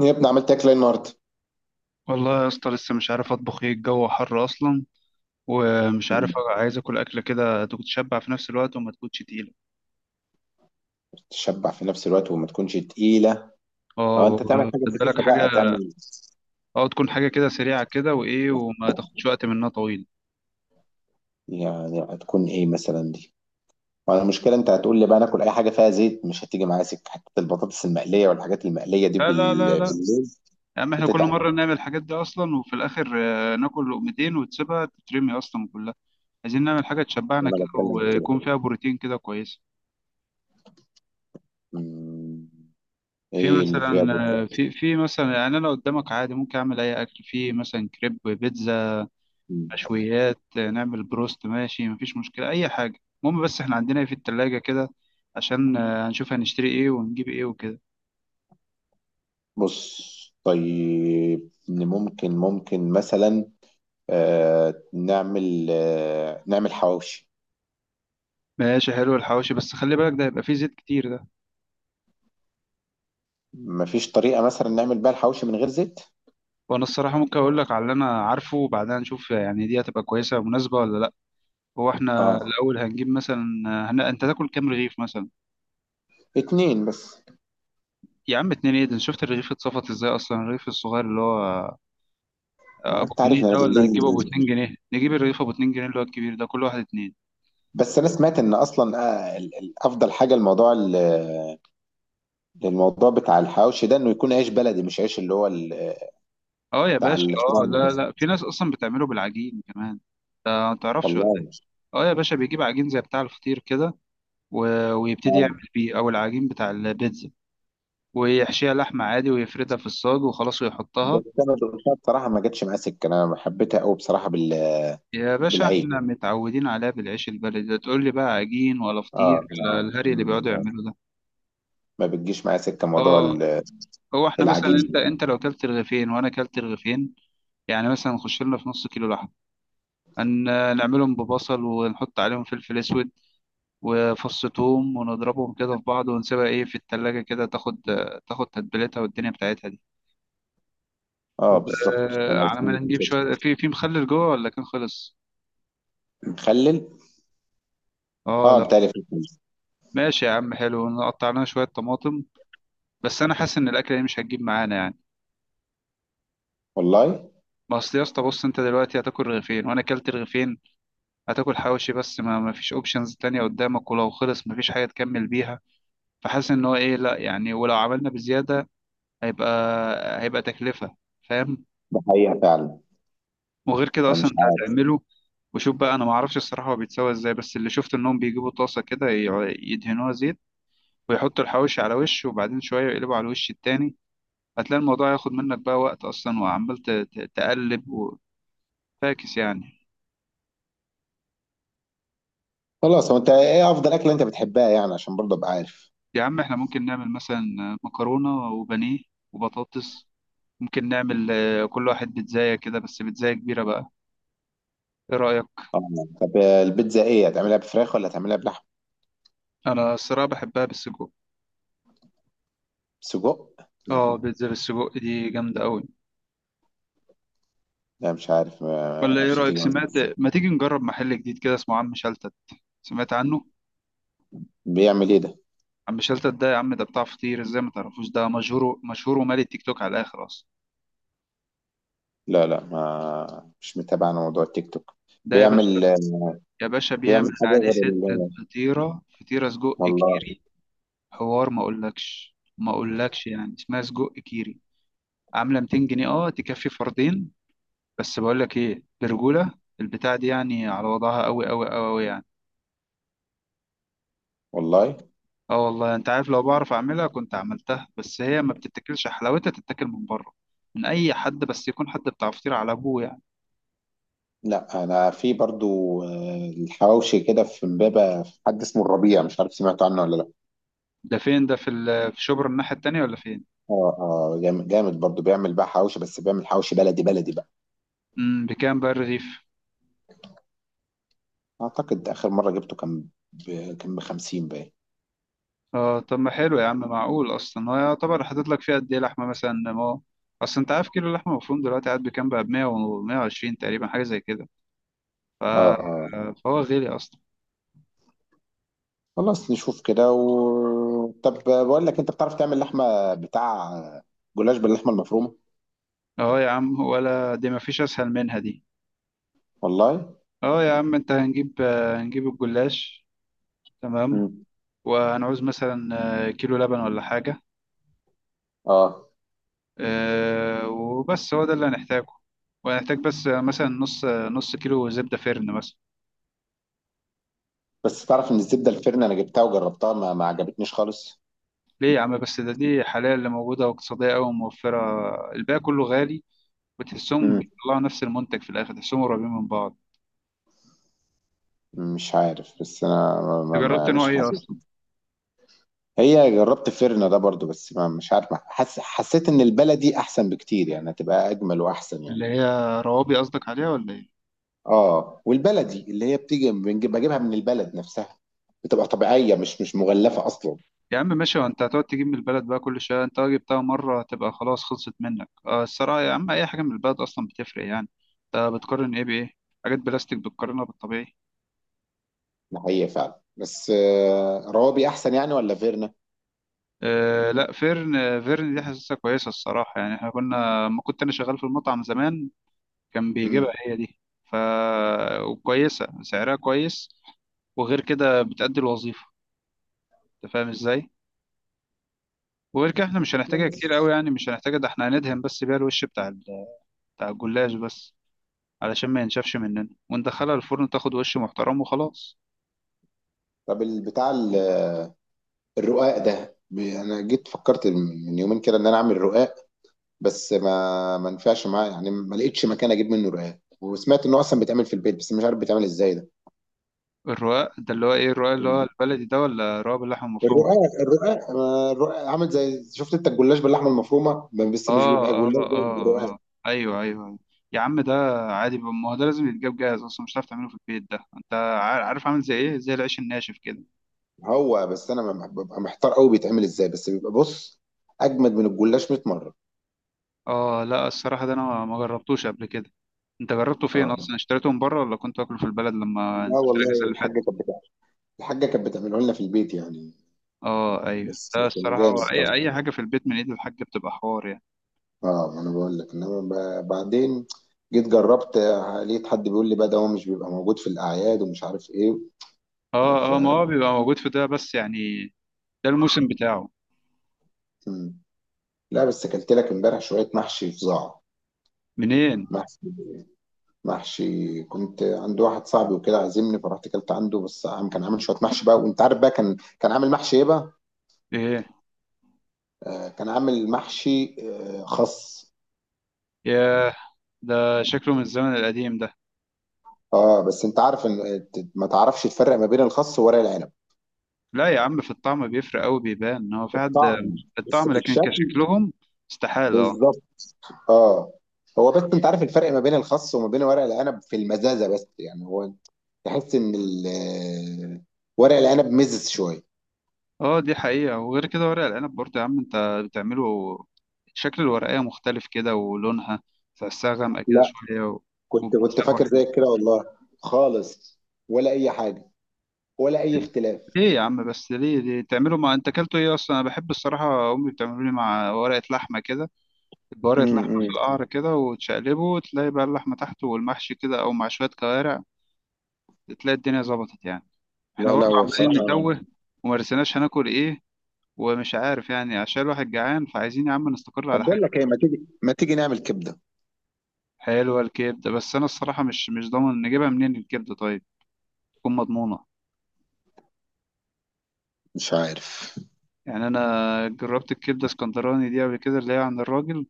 يا ابني عملت اكل إيه النهارده؟ والله يا اسطى لسه مش عارف اطبخ ايه. الجو حر اصلا ومش عارف. مم. عايز اكل اكله كده تكون تشبع في نفس الوقت وما تكونش تقيله. تشبع في نفس الوقت وما تكونش تقيله. اه او و- انت تعمل حاجه خد بالك خفيفه بقى حاجه. تعمل. اه، تكون حاجه كده سريعه كده وايه وما تاخدش وقت منها طويل. يعني هتكون ايه مثلا دي؟ وانا المشكله انت هتقول لي بقى ناكل اي حاجه فيها زيت، مش هتيجي معايا سكه، حتى البطاطس المقليه والحاجات المقليه دي لا لا لا لا، بالليل. يا عم احنا كل بتتعب. مره نعمل الحاجات دي اصلا وفي الاخر ناكل لقمتين وتسيبها تترمي اصلا كلها. عايزين نعمل حاجه تشبعنا وانا كده بتكلم في كده. ويكون فيها بروتين كده كويس. مم. في ايه اللي فيها مثلا بروتين؟ آه، في في مثلا يعني انا قدامك عادي ممكن اعمل اي اكل، في مثلا كريب، بيتزا، مم. مشويات، نعمل بروست، ماشي، مفيش مشكلة أي حاجة. المهم بس احنا عندنا إيه في التلاجة كده، عشان هنشوف هنشتري ايه ونجيب ايه وكده. بص، طيب إن ممكن مثلا نعمل نعمل حواوشي. ماشي حلو الحواوشي، بس خلي بالك ده هيبقى فيه زيت كتير ده. مفيش طريقة مثلا نعمل بيها الحواوشي من غير زيت؟ وانا الصراحة ممكن اقول لك على اللي انا عارفه وبعدها نشوف يعني دي هتبقى كويسة مناسبة ولا لا. هو احنا اه، الاول هنجيب مثلا انت تاكل كام رغيف مثلا؟ اتنين بس. يا عم اتنين ايه ده؟ شفت الرغيف اتصفط ازاي اصلا، الرغيف الصغير اللي هو ما هو ابو انت عارف جنيه إن انا ده ولا هتجيبه ابو بالليل. اتنين جنيه؟ نجيب الرغيف ابو اتنين جنيه اللي هو الكبير ده، كل واحد اتنين. بس انا سمعت ان اصلا افضل حاجة الموضوع، الموضوع بتاع الحواوشي ده انه يكون عيش بلدي، مش عيش اللي هو اه يا بتاع باشا. اه الفرن ده. لا لا، في ناس اصلا بتعمله بالعجين كمان، ده ما تعرفش ولا ايه؟ والله. اه يا باشا، بيجيب عجين زي بتاع الفطير كده ويبتدي اه يعمل بيه، او العجين بتاع البيتزا، ويحشيها لحمة عادي ويفردها في الصاج وخلاص ويحطها. بس انا دقتها بصراحة ما جاتش معايا سكة، انا حبيتها قوي بصراحة يا باشا بالعيش. احنا متعودين عليها بالعيش البلدي ده، تقول لي بقى عجين ولا اه فطير ولا آه. الهري اللي بيقعدوا يعملوا ده. ما بتجيش معايا سكة موضوع اه. هو احنا مثلا، العجين انت ده. انت لو كلت رغيفين وانا كلت رغيفين، يعني مثلا نخش لنا في نص كيلو لحمه، نعملهم ببصل ونحط عليهم فلفل اسود وفص ثوم، ونضربهم كده في بعض ونسيبها ايه في التلاجة كده، تاخد تاخد تتبيلتها والدنيا بتاعتها دي. اه بالظبط، انا وعلى ما سمعت نجيب كده. شوية في مخلل جوه، ولا كان خلص؟ مخلل. اه اه، لا. متهيألي في الفيلم. ماشي يا عم، حلو، نقطع لنا شوية طماطم. بس انا حاسس ان الاكلة دي مش هتجيب معانا يعني. والله. ما اصل يا اسطى، بص، انت دلوقتي هتاكل رغيفين وانا اكلت رغيفين، هتاكل حواوشي بس، ما فيش اوبشنز تانية قدامك، ولو خلص ما فيش حاجة تكمل بيها. فحاسس ان هو ايه، لا يعني، ولو عملنا بزيادة هيبقى تكلفة، فاهم؟ ده حقيقة فعلا. وغير كده اصلا مش انت عارف. هتعمله. وشوف بقى، انا ما اعرفش الصراحه هو بيتسوى ازاي، بس اللي شفت انهم بيجيبوا طاسه كده يدهنوها زيت، ويحطوا الحواوشي على وش وبعدين شويه يقلبوا على الوش التاني. هتلاقي الموضوع هياخد منك بقى وقت اصلا، وعمال تقلب، وفاكس يعني. خلاص، هو انت ايه افضل اكلة انت بتحبها يعني عشان برضه ابقى عارف؟ يا عم احنا ممكن نعمل مثلا مكرونه وبانيه وبطاطس، ممكن نعمل كل واحد بيتزاية كده، بس بيتزاية كبيرة بقى، ايه رأيك؟ اه. طب البيتزا ايه، هتعملها بفراخ ولا هتعملها بلحم؟ انا الصراحة بحبها بالسجق. سجق؟ اه لا، بيتزا بالسجق دي جامدة قوي. لا، مش عارف ولا ايه مش رأيك، هتيجي معايا. سمعت؟ ما تيجي نجرب محل جديد كده اسمه عم شلتت، سمعت عنه؟ بيعمل ايه ده؟ عم شلتت ده يا عم، ده بتاع فطير، ازاي ما تعرفوش؟ ده مشهور مشهور، ومالي التيك توك على الاخر اصلا. لا لا، ما مش متابع انا موضوع التيك توك. ده يا باشا، بيعمل، يا باشا بيعمل بيعمل حاجة عليه غير حتة ال... فطيرة، فطيرة سجق والله. كيري. حوار ما اقولكش ما اقولكش، يعني اسمها سجق كيري، عاملة 200 جنيه، اه، تكفي فردين. بس بقولك ايه، برجولة البتاع دي يعني على وضعها، قوي قوي قوي. والله. اه والله، انت عارف لو بعرف اعملها كنت عملتها، بس هي ما بتتاكلش حلاوتها، تتاكل من بره، من اي حد بس يكون حد بتاع فطير على ابوه يعني. لا، انا في برضو الحواوشي كده في امبابة، في حد اسمه الربيع، مش عارف سمعت عنه ولا لا؟ ده فين ده، في شبرا الناحيه التانيه ولا فين؟ اه اه، جامد جامد، برضو بيعمل بقى حواوشي، بس بيعمل حواوشي بلدي بلدي بقى. امم، بكام بقى الرغيف؟ اعتقد اخر مره جبته كان ب... كان ب 50 باين. اه طب ما حلو يا عم، معقول اصلا؟ هو يعتبر حاطط لك فيها قد ايه لحمه مثلا؟ ما هو اصل انت عارف كيلو اللحمه المفروم دلوقتي قاعد بكام بقى؟ ب 100 و120 تقريبا حاجه زي كده. ف... اه اه. فهو غالي اصلا. خلاص نشوف كده طب بقول لك، انت بتعرف تعمل لحمه بتاع جلاش باللحمه المفرومه؟ اه يا عم ولا دي، ما فيش اسهل منها دي. والله. اه يا عم، انت، هنجيب هنجيب الجلاش، تمام، امم. وهنعوز مثلا كيلو لبن ولا حاجة. اه وبس، هو ده اللي هنحتاجه. وهنحتاج بس مثلا نص كيلو زبدة فرن مثلا. بس تعرف ان الزبده الفرن انا جبتها وجربتها ما عجبتنيش خالص. ليه يا عم بس؟ ده دي حاليا اللي موجودة واقتصادية أوي وموفرة، الباقي كله غالي، وتحسهم امم، بيطلعوا نفس المنتج في الآخر، تحسهم قريبين من بعض. مش عارف، بس انا ما أنت ما جربت ما نوع مش إيه حاسس. أصلا؟ هي جربت فرن ده برضو، بس ما مش عارف حسيت ان البلدي احسن بكتير يعني، هتبقى اجمل واحسن يعني. اللي هي روابي قصدك عليها ولا إيه؟ اه، والبلدي اللي هي بتيجي بنجيب، بجيبها من البلد نفسها، بتبقى طبيعية، مش مش مغلفة أصلا. يا عم ماشي، وانت هتقعد تجيب من البلد بقى كل شويه؟ انت لو جبتها مره هتبقى خلاص، خلصت منك. آه الصراحه يا عم، اي حاجه من البلد اصلا بتفرق يعني، انت بتقارن ايه بايه؟ حاجات بلاستيك بتقارنها بالطبيعي. ده حقيقة فعلا، بس آه، روابي أحسن يعني ولا فيرنا؟ آه لا، فيرن، فيرن دي حاسسها كويسه الصراحه، يعني احنا كنا، ما كنت انا شغال في المطعم زمان، كان بيجيبها مم. هي دي. ف وكويسه، سعرها كويس، وغير كده بتأدي الوظيفه، انت فاهم ازاي؟ وغير كده احنا مش هنحتاجها كتير بس قوي يعني، مش هنحتاجها، ده احنا هندهن بس بيها الوش بتاع الجلاش بس، علشان ما ينشفش مننا، وندخلها الفرن تاخد وش محترم وخلاص. طب بتاع الرقاق ده، انا جيت فكرت من يومين كده ان انا اعمل رقاق، بس ما نفعش معايا يعني، ما لقيتش مكان اجيب منه رقاق، وسمعت انه اصلا بيتعمل في البيت بس مش عارف بيتعمل ازاي ده. الرقاق ده اللي هو ايه؟ الرقاق اللي هو مم. البلدي ده، ولا رقاق باللحمة المفرومة؟ الرقاق آه، الرقاق عامل زي، شفت انت الجلاش باللحمه المفرومه، بس مش اه بيبقى اه جلاش اه بقى، بيبقى اه رقاق. آه. ايوه ايوه أيوة. يا عم ده عادي بقى، ما هو ده لازم يتجاب جاهز اصلا، مش هتعرف تعمله في البيت. ده انت عارف عامل زي ايه؟ زي العيش الناشف كده. هو بس انا ببقى محتار قوي بيتعمل ازاي، بس بيبقى بص، اجمد من الجلاش 100 مره. اه لا الصراحة ده انا ما جربتوش قبل كده. انت جربته فين اه اصلا؟ اشتريته من بره ولا كنت واكله في البلد لما لا، نزلت الاجازة والله اللي الحاجه فاتت؟ كانت بتعمل، الحاجه كانت بتعمله لنا في البيت يعني. اه ايوه، بس ده كان الصراحة جامد هو، اي طبعا. اي حاجة في البيت من ايد الحاج بتبقى حوار يعني. اه، ما انا بقول لك انما بعدين جيت جربت، آه لقيت حد بيقول لي بقى ده هو مش بيبقى موجود في الاعياد ومش عارف ايه. ف اه، ما هو بيبقى موجود في ده بس يعني، ده الموسم بتاعه. م. لا بس اكلت لك امبارح شويه محشي فظاع. منين؟ محشي محشي كنت عند واحد صاحبي وكده عازمني، فرحت اكلت عنده، بس كان عامل شويه محشي بقى، وانت عارف بقى كان عامل محشي ايه بقى؟ ايه؟ آه، كان عامل محشي آه، خس. ياه، ده شكله من الزمن القديم ده. اه، بس انت عارف ان ما تعرفش تفرق ما بين الخس وورق العنب لا يا عم، في الطعم بيفرق قوي، بيبان ان هو في في حد، الطعم، في بس الطعم. في لكن الشكل كشكلهم، استحالة. اه. بالظبط. اه، هو بس انت عارف الفرق ما بين الخس وما بين ورق العنب في المزازه بس يعني، هو تحس ان آه، ورق العنب مزز شويه. اه دي حقيقة، وغير كده ورق العنب برضه يا عم، انت بتعمله، شكل الورقية مختلف كده ولونها، تحسها غامقة كده لا، شوية كنت وبيتسوى فاكر حلو. زيك كده والله، خالص، ولا اي حاجه، ولا اي اختلاف. ليه يا عم بس؟ ليه ليه تعملوا؟ مع انت اكلته ايه اصلا؟ انا بحب الصراحة امي بتعمله لي مع ورقة لحمة كده، بورقة لحمة في امم. القعر كده، وتشقلبه وتلاقي بقى اللحمة تحته والمحشي كده، أو مع شوية كوارع، تلاقي الدنيا ظبطت يعني. احنا لا لا، برضو هو عمالين بصراحه، نتوه، ومرسناش هناكل ايه، ومش عارف يعني، عشان الواحد جعان، فعايزين يا عم نستقر طب على حاجة. بقول لك ايه، ما تيجي، ما تيجي نعمل كبده. حلوة الكبدة، بس أنا الصراحة مش ضامن نجيبها منين. الكبدة طيب تكون مضمونة. مش عارف. يعني أنا جربت الكبدة اسكندراني دي قبل كده، اللي هي عند الراجل.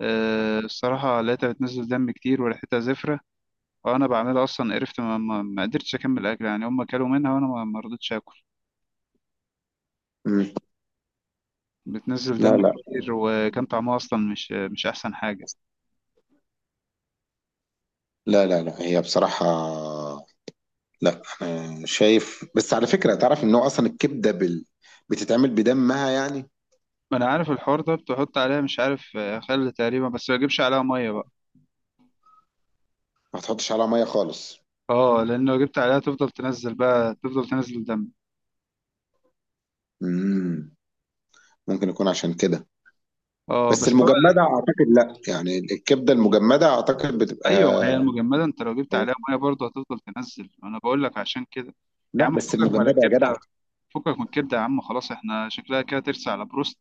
أه الصراحة لقيتها بتنزل دم كتير، وريحتها زفرة، وأنا بعملها أصلا قرفت، ما قدرتش أكمل أكل يعني، هما كلوا منها وأنا ما رضيتش آكل. بتنزل لا دم لا كتير، وكان طعمها اصلا مش احسن حاجه. لا لا، لا هي بصراحة، لا أنا شايف، بس على فكرة تعرف إن هو أصلا الكبدة بتتعمل بدمها يعني. ما انا عارف الحوار ده، بتحط عليها مش عارف خل تقريبا، بس ما تجيبش عليها ميه بقى. ما تحطش عليها مية خالص. اه، لان لو جبت عليها تفضل تنزل بقى، تفضل تنزل دم. مم. ممكن يكون عشان كده. اه بس بس هو، المجمدة أعتقد لا يعني الكبدة المجمدة أعتقد بتبقى. ايوه ما هي المجمده انت لو جبت عليها ميه برضه هتفضل تنزل، انا بقول لك عشان كده. يا لا عم بس فكك من المجمدة يا جدع. الكبده، فكك من الكبده يا عم، خلاص احنا شكلها كده ترسى على بروست،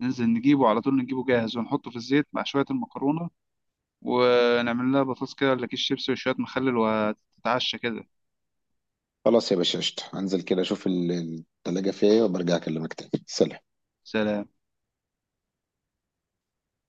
ننزل نجيبه على طول، نجيبه جاهز ونحطه في الزيت مع شويه المكرونه، ونعمل لها بطاطس كده ولا كيس شيبسي وشويه مخلل، وتتعشى كده. خلاص يا باشا قشطة، هنزل كده أشوف التلاجة فيها إيه وبرجع أكلمك تاني. سلام. سلام.